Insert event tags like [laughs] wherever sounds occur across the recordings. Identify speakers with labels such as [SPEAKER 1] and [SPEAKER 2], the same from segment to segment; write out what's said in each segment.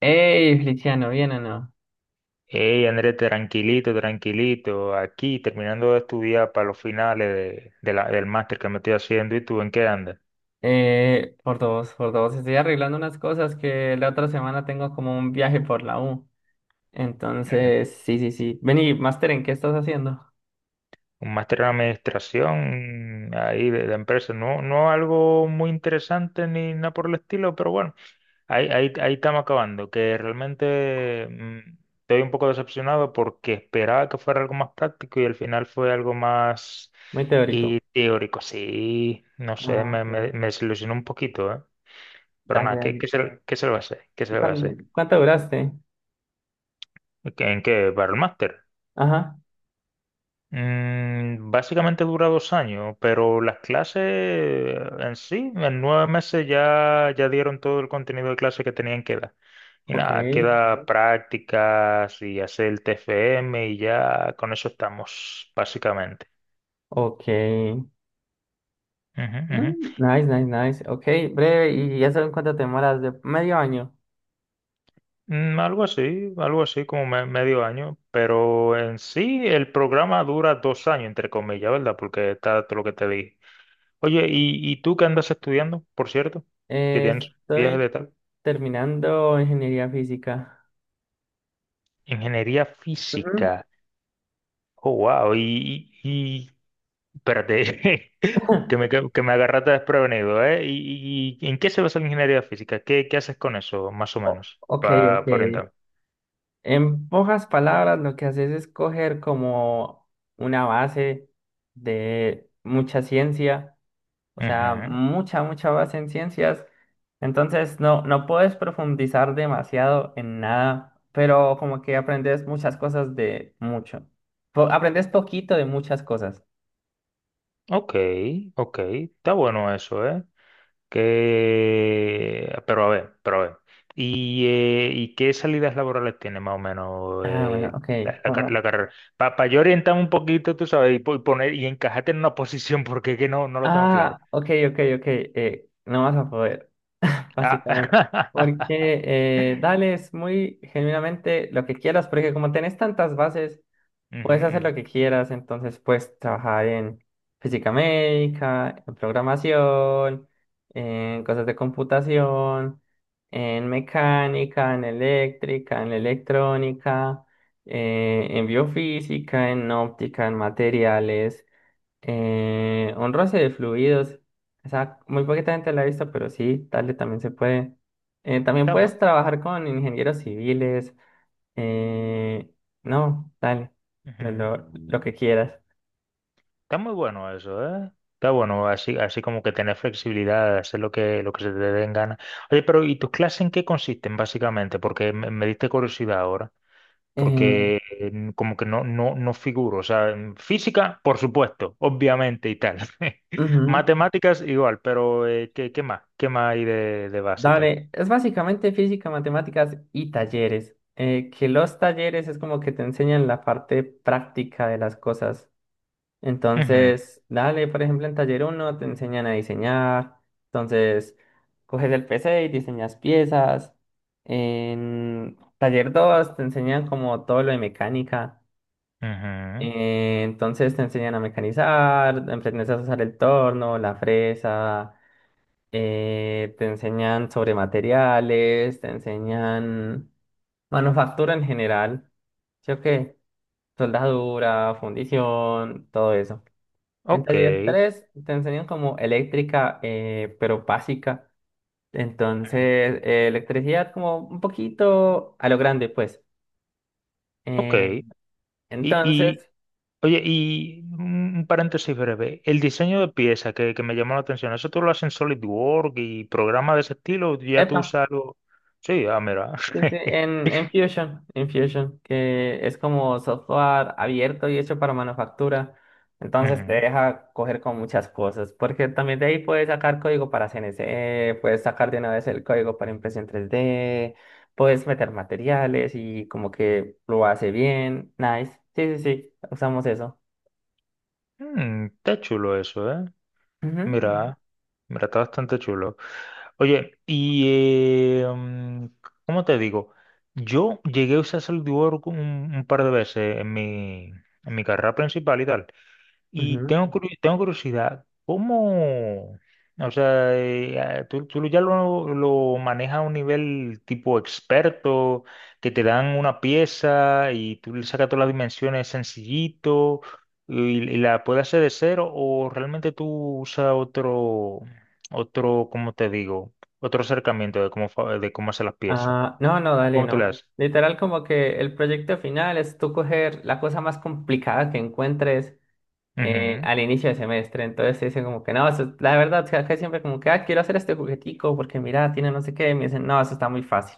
[SPEAKER 1] Hey, Feliciano, ¿bien o no?
[SPEAKER 2] Hey, Andrés, tranquilito, tranquilito. Aquí terminando de estudiar para los finales del máster que me estoy haciendo. ¿Y tú en qué andas?
[SPEAKER 1] Por dos, por dos. Estoy arreglando unas cosas que la otra semana tengo como un viaje por la U.
[SPEAKER 2] [clears throat] Ujú.
[SPEAKER 1] Entonces, sí, sí, sí. Vení, Master, ¿en qué estás haciendo?
[SPEAKER 2] Un máster en administración ahí de empresa. No, no algo muy interesante ni nada por el estilo, pero bueno, ahí estamos acabando. Que realmente estoy un poco decepcionado porque esperaba que fuera algo más práctico y al final fue algo más
[SPEAKER 1] Muy
[SPEAKER 2] y
[SPEAKER 1] teórico.
[SPEAKER 2] teórico. Sí, no sé,
[SPEAKER 1] Ah,
[SPEAKER 2] me, me,
[SPEAKER 1] ok.
[SPEAKER 2] me desilusionó un poquito, ¿eh? Pero
[SPEAKER 1] Dale,
[SPEAKER 2] nada,
[SPEAKER 1] dale.
[SPEAKER 2] ¿qué se le va a hacer? ¿Qué se
[SPEAKER 1] ¿Y
[SPEAKER 2] le va a hacer?
[SPEAKER 1] cuán- Cuánto duraste?
[SPEAKER 2] ¿Qué- ¿En ¿Battle Master?
[SPEAKER 1] Ajá,
[SPEAKER 2] Básicamente dura 2 años, pero las clases en sí, en 9 meses ya, ya dieron todo el contenido de clase que tenían que dar. Y
[SPEAKER 1] ok,
[SPEAKER 2] nada, queda prácticas y hacer el TFM y ya con eso estamos, básicamente.
[SPEAKER 1] ok.
[SPEAKER 2] Ujú, ujú.
[SPEAKER 1] Mm, nice, nice, nice. Ok, breve. ¿Y ya saben cuánto te demoras? ¿De medio año?
[SPEAKER 2] Algo así, algo así como medio año, pero en sí el programa dura 2 años, entre comillas, ¿verdad? Porque está todo lo que te dije. Oye, ¿y tú qué andas estudiando, por cierto? Que tienes viajes
[SPEAKER 1] Estoy
[SPEAKER 2] de tal.
[SPEAKER 1] terminando ingeniería física.
[SPEAKER 2] Ingeniería
[SPEAKER 1] Ujú.
[SPEAKER 2] física. Oh, wow. Espérate, [laughs] que me,
[SPEAKER 1] [laughs]
[SPEAKER 2] que, que me agarraste desprevenido, ¿eh? ¿Y en qué se basa la ingeniería física? ¿Qué haces con eso, más o menos,
[SPEAKER 1] Ok,
[SPEAKER 2] para
[SPEAKER 1] ok.
[SPEAKER 2] orientarme?
[SPEAKER 1] En pocas palabras, lo que haces es coger como una base de mucha ciencia, o sea,
[SPEAKER 2] Ujú.
[SPEAKER 1] mucha, mucha base en ciencias. Entonces, no, no puedes profundizar demasiado en nada, pero como que aprendes muchas cosas de mucho. Aprendes poquito de muchas cosas.
[SPEAKER 2] Ok, ok. Está bueno eso, ¿eh? Que, pero a ver, pero a ver. ¿Y qué salidas laborales tiene más o menos
[SPEAKER 1] Ah, bueno, ok,
[SPEAKER 2] la, la car-
[SPEAKER 1] como...
[SPEAKER 2] la carrera? Para yo orientar un poquito, tú sabes, y poner y encajarte en una [laughs] posición porque es que no, no lo tengo claro.
[SPEAKER 1] Ah, ok, ok, ok, no vas a poder. Básicamente.
[SPEAKER 2] Ah,
[SPEAKER 1] Porque dale, es muy genuinamente lo que quieras, porque como tenés tantas bases,
[SPEAKER 2] [laughs] ujú,
[SPEAKER 1] puedes hacer
[SPEAKER 2] ujú.
[SPEAKER 1] lo que quieras, entonces puedes trabajar en física médica, en programación, en cosas de computación, en mecánica, en eléctrica, en electrónica, en biofísica, en óptica, en materiales. Un roce de fluidos. O sea, muy poquita gente la ha visto, pero sí, dale, también se puede. También
[SPEAKER 2] Está
[SPEAKER 1] puedes
[SPEAKER 2] bueno.
[SPEAKER 1] trabajar con ingenieros civiles. eh, no, dale,
[SPEAKER 2] Ujú.
[SPEAKER 1] lo que quieras.
[SPEAKER 2] Está muy bueno eso, ¿eh? Está bueno, así, así como que tener flexibilidad, hacer lo que se te den ganas. Oye, pero ¿y tus clases en qué consisten básicamente? Porque me diste curiosidad ahora.
[SPEAKER 1] Eh,
[SPEAKER 2] Porque como que no, no, no figuro. O sea, en física, por supuesto, obviamente y tal. [laughs]
[SPEAKER 1] Ujú.
[SPEAKER 2] Matemáticas igual, pero ¿qué más? ¿Qué más hay de base y tal?
[SPEAKER 1] Dale, es básicamente física, matemáticas y talleres. Que los talleres es como que te enseñan la parte práctica de las cosas.
[SPEAKER 2] Ujú,
[SPEAKER 1] Entonces, dale, por ejemplo, en taller uno te enseñan a diseñar. Entonces, coges el PC y diseñas piezas. En taller 2 te enseñan como todo lo de mecánica.
[SPEAKER 2] ujú.
[SPEAKER 1] Entonces te enseñan a mecanizar, aprendes a usar el torno, la fresa, te enseñan sobre materiales, te enseñan manufactura en general, ¿sí o qué? Soldadura, fundición, todo eso. En
[SPEAKER 2] Ok,
[SPEAKER 1] taller 3 te enseñan como eléctrica, pero básica. Entonces, electricidad como un poquito a lo grande, pues.
[SPEAKER 2] ok.
[SPEAKER 1] Eh,
[SPEAKER 2] Y, y,
[SPEAKER 1] entonces,
[SPEAKER 2] oye, y un paréntesis breve. El diseño de pieza que me llamó la atención, ¿eso tú lo haces en SolidWorks y programas de ese estilo? ¿Ya tú
[SPEAKER 1] Epa.
[SPEAKER 2] usas algo? Sí, ah, mira.
[SPEAKER 1] Sí, sí, en Fusion, que es como software abierto y hecho para manufactura.
[SPEAKER 2] [laughs]
[SPEAKER 1] Entonces te
[SPEAKER 2] Ujú.
[SPEAKER 1] deja coger con muchas cosas, porque también de ahí puedes sacar código para CNC, puedes sacar de una vez el código para impresión tres d, puedes meter materiales y como que lo hace bien. Nice. Sí, sí, sí, usamos eso.
[SPEAKER 2] Está chulo eso, ¿eh?
[SPEAKER 1] Ujú,
[SPEAKER 2] Mira, mira, está bastante chulo. Oye, y ¿cómo te digo? Yo llegué a usar SolidWorks un par de veces en mi carrera principal y tal. Y
[SPEAKER 1] ujú.
[SPEAKER 2] tengo, tengo curiosidad, ¿cómo, o sea, tú, tú ya lo manejas a un nivel tipo experto, que te dan una pieza y tú le sacas todas las dimensiones sencillito y la puedes hacer de cero o realmente tú usas otro, ¿cómo te digo? Otro acercamiento de cómo, de cómo hacer las piezas.
[SPEAKER 1] Ah, no, no, dale,
[SPEAKER 2] ¿Cómo tú le
[SPEAKER 1] no.
[SPEAKER 2] haces?
[SPEAKER 1] Literal como que el proyecto final es tú coger la cosa más complicada que encuentres
[SPEAKER 2] Ujú,
[SPEAKER 1] al inicio de semestre. Entonces dicen como que no, la verdad, o sea, acá siempre como que, ah, quiero hacer este juguetico porque mira, tiene no sé qué. Y me dicen, no, eso está muy fácil.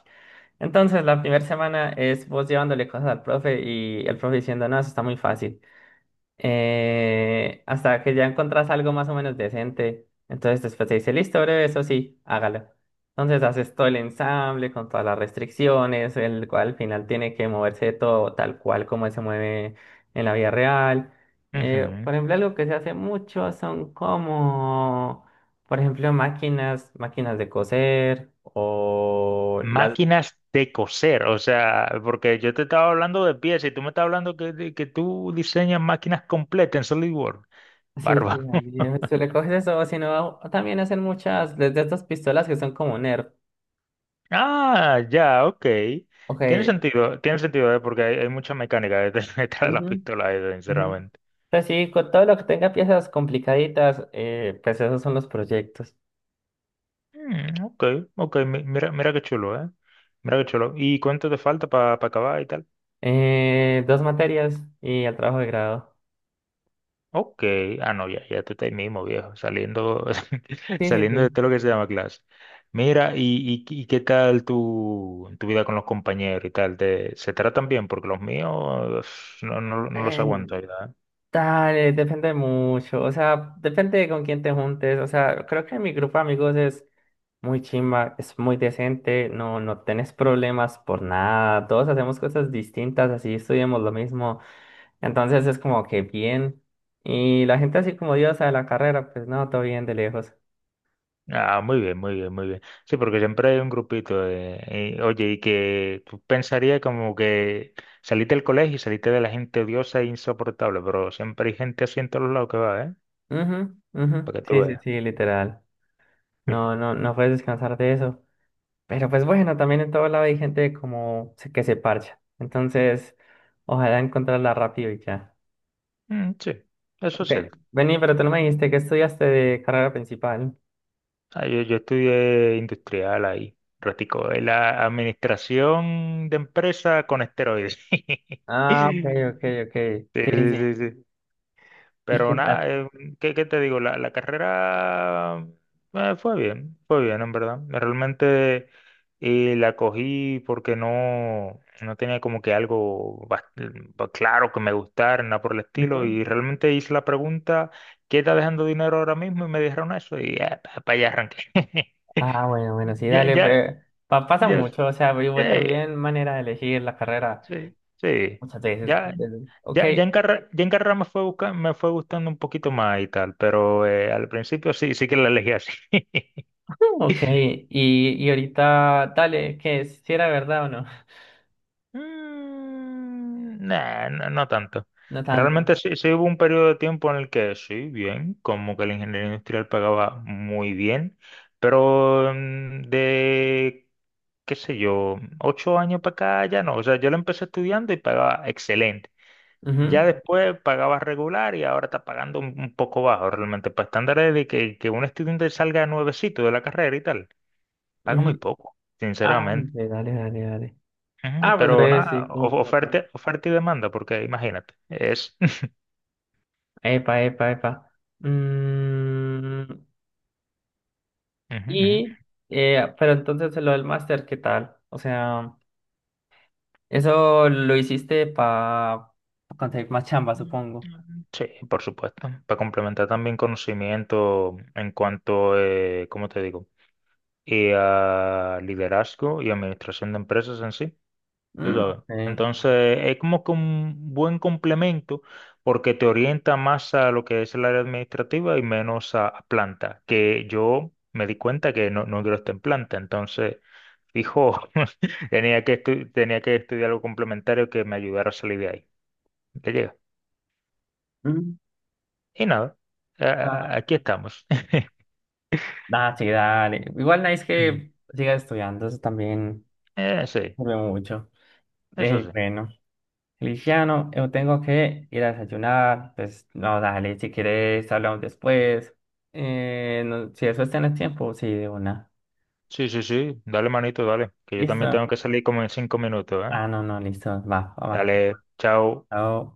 [SPEAKER 1] Entonces la primera semana es vos llevándole cosas al profe y el profe diciendo, no, eso está muy fácil, hasta que ya encontrás algo más o menos decente. Entonces después te dice, listo, breve, eso sí, hágalo. Entonces haces todo el ensamble con todas las restricciones, el cual al final tiene que moverse todo tal cual como se mueve en la vida real.
[SPEAKER 2] ujú.
[SPEAKER 1] Por ejemplo, algo que se hace mucho son como, por ejemplo, máquinas, máquinas de coser o las...
[SPEAKER 2] Máquinas de coser, o sea, porque yo te estaba hablando de piezas y tú me estás hablando que, que tú diseñas máquinas completas en SolidWorks.
[SPEAKER 1] Sí, sí,
[SPEAKER 2] Bárbaro. [laughs]
[SPEAKER 1] dale, tú le coges eso, sino también hacen muchas, desde estas pistolas que son como Nerf.
[SPEAKER 2] Ah, ya, ok.
[SPEAKER 1] Ok,
[SPEAKER 2] Tiene sentido, ¿eh? Porque hay mucha mecánica detrás [laughs] detrás de la
[SPEAKER 1] ujú,
[SPEAKER 2] pistola, esa,
[SPEAKER 1] ujú.
[SPEAKER 2] sinceramente.
[SPEAKER 1] Pues sí, con todo lo que tenga piezas complicaditas, pues esos son los proyectos.
[SPEAKER 2] Ok, ok, mira, mira qué chulo, ¿eh? Mira qué chulo. ¿Y cuánto te falta para acabar y tal?
[SPEAKER 1] Dos materias y el trabajo de grado.
[SPEAKER 2] Ok, ah no, ya, ya tú estás ahí mismo, viejo, saliendo, [laughs]
[SPEAKER 1] Sí, sí,
[SPEAKER 2] saliendo de
[SPEAKER 1] sí.
[SPEAKER 2] todo lo que se llama clase. Mira, y qué tal tu, tu vida con los compañeros y tal? ¿Se tratan bien? Porque los míos no, no, no los
[SPEAKER 1] Eh,
[SPEAKER 2] aguanto, ¿verdad?
[SPEAKER 1] Dale, depende mucho, o sea, depende de con quién te juntes, o sea, creo que mi grupo de amigos es muy chimba, es muy decente, no, no tenés problemas por nada, todos hacemos cosas distintas, así estudiamos lo mismo. Entonces es como que bien. Y la gente así como diosa de la carrera, pues no, todo bien de lejos.
[SPEAKER 2] Ah, muy bien, muy bien, muy bien. Sí, porque siempre hay un grupito y, oye, y que tú pensarías como que saliste del colegio y saliste de la gente odiosa e insoportable, pero siempre hay gente así en todos lados que va, ¿eh?
[SPEAKER 1] Ujú, ujú.
[SPEAKER 2] Para que tú
[SPEAKER 1] Sí, sí,
[SPEAKER 2] veas.
[SPEAKER 1] sí, literal. No,
[SPEAKER 2] [laughs]
[SPEAKER 1] no, no puedes descansar de eso. Pero pues bueno, también en todo lado hay gente como que se parcha. Entonces, ojalá encontrarla rápido y ya.
[SPEAKER 2] Sí, eso es
[SPEAKER 1] Ok,
[SPEAKER 2] cierto.
[SPEAKER 1] vení, pero tú no me dijiste que estudiaste de carrera principal.
[SPEAKER 2] Ah, yo estudié industrial ahí, ratico, en la administración de empresa con esteroides.
[SPEAKER 1] Ah, ok, ok,
[SPEAKER 2] [laughs]
[SPEAKER 1] ok.
[SPEAKER 2] Sí,
[SPEAKER 1] Sí, sí,
[SPEAKER 2] sí,
[SPEAKER 1] sí.
[SPEAKER 2] sí, sí.
[SPEAKER 1] [laughs] ¿Y qué
[SPEAKER 2] Pero
[SPEAKER 1] tal?
[SPEAKER 2] nada, ¿qué te digo? La carrera fue bien, en verdad. Realmente la cogí porque no, no tenía como que algo claro que me gustara, nada por el estilo.
[SPEAKER 1] Ujú.
[SPEAKER 2] Y realmente hice la pregunta, ¿qué está dejando dinero ahora mismo? Y me dijeron eso y para allá arranqué. [laughs]
[SPEAKER 1] Ah, bueno, bueno, sí,
[SPEAKER 2] Ya,
[SPEAKER 1] dale,
[SPEAKER 2] ya,
[SPEAKER 1] pasa
[SPEAKER 2] ya,
[SPEAKER 1] mucho, o sea, yo
[SPEAKER 2] eh,
[SPEAKER 1] también manera de elegir la carrera.
[SPEAKER 2] sí, sí,
[SPEAKER 1] Muchas veces.
[SPEAKER 2] ya,
[SPEAKER 1] Entonces, ok.
[SPEAKER 2] ya,
[SPEAKER 1] [laughs]
[SPEAKER 2] ya en carrera me fue me fue gustando un poquito más y tal, pero al principio sí, sí que la elegí así. [laughs]
[SPEAKER 1] Ok. Y ahorita, dale, que si era verdad o no.
[SPEAKER 2] Nah, no, no tanto.
[SPEAKER 1] [laughs] No tanto.
[SPEAKER 2] Realmente sí, sí hubo un periodo de tiempo en el que sí, bien, como que la ingeniería industrial pagaba muy bien, pero qué sé yo, 8 años para acá ya no. O sea, yo la empecé estudiando y pagaba excelente. Ya
[SPEAKER 1] Ujú,
[SPEAKER 2] después pagabas regular y ahora está pagando un poco bajo realmente. Para estándares de que un estudiante salga nuevecito de la carrera y tal, paga muy
[SPEAKER 1] ujú.
[SPEAKER 2] poco,
[SPEAKER 1] Ah,
[SPEAKER 2] sinceramente.
[SPEAKER 1] hombre, dale, dale, dale.
[SPEAKER 2] Ujú.
[SPEAKER 1] Ah, pues
[SPEAKER 2] Pero
[SPEAKER 1] breve,
[SPEAKER 2] nada,
[SPEAKER 1] sí, como, como todo.
[SPEAKER 2] oferta, oferta y demanda, porque imagínate, es... [laughs]
[SPEAKER 1] Epa, epa, epa. Mm,
[SPEAKER 2] Ujú,
[SPEAKER 1] y, pero entonces lo del máster, ¿qué tal? O sea, eso lo hiciste para conseguir más chamba, supongo.
[SPEAKER 2] ujú. Sí, por supuesto. Para complementar también conocimiento en cuanto, ¿cómo te digo? Y a liderazgo y administración de empresas en sí. Tú
[SPEAKER 1] Mm,
[SPEAKER 2] sabes.
[SPEAKER 1] ok.
[SPEAKER 2] Entonces, es como que un buen complemento porque te orienta más a lo que es el área administrativa y menos a planta, que yo me di cuenta que no, no quiero estar en planta. Entonces, fijo, [laughs] tenía que estudiar algo complementario que me ayudara a salir de ahí. ¿Te llega?
[SPEAKER 1] Mm,
[SPEAKER 2] Y nada,
[SPEAKER 1] ah,
[SPEAKER 2] aquí estamos. [laughs]
[SPEAKER 1] ah, sí, dale. Igual nice
[SPEAKER 2] Ujú.
[SPEAKER 1] que sigas estudiando, eso también.
[SPEAKER 2] Sí,
[SPEAKER 1] Hombre, mucho.
[SPEAKER 2] eso sí.
[SPEAKER 1] Bueno, Feliciano, yo tengo que ir a desayunar. Pues no, dale, si quieres hablamos después. No, si eso tienes tiempo, sí, de una.
[SPEAKER 2] Sí, sí, sí. Dale, manito, dale. Que yo también
[SPEAKER 1] ¿Listo?
[SPEAKER 2] tengo que salir como en 5 minutos, ¿eh?
[SPEAKER 1] Ah, no, no, listo. Va, va, va.
[SPEAKER 2] Dale, chao.
[SPEAKER 1] Chao.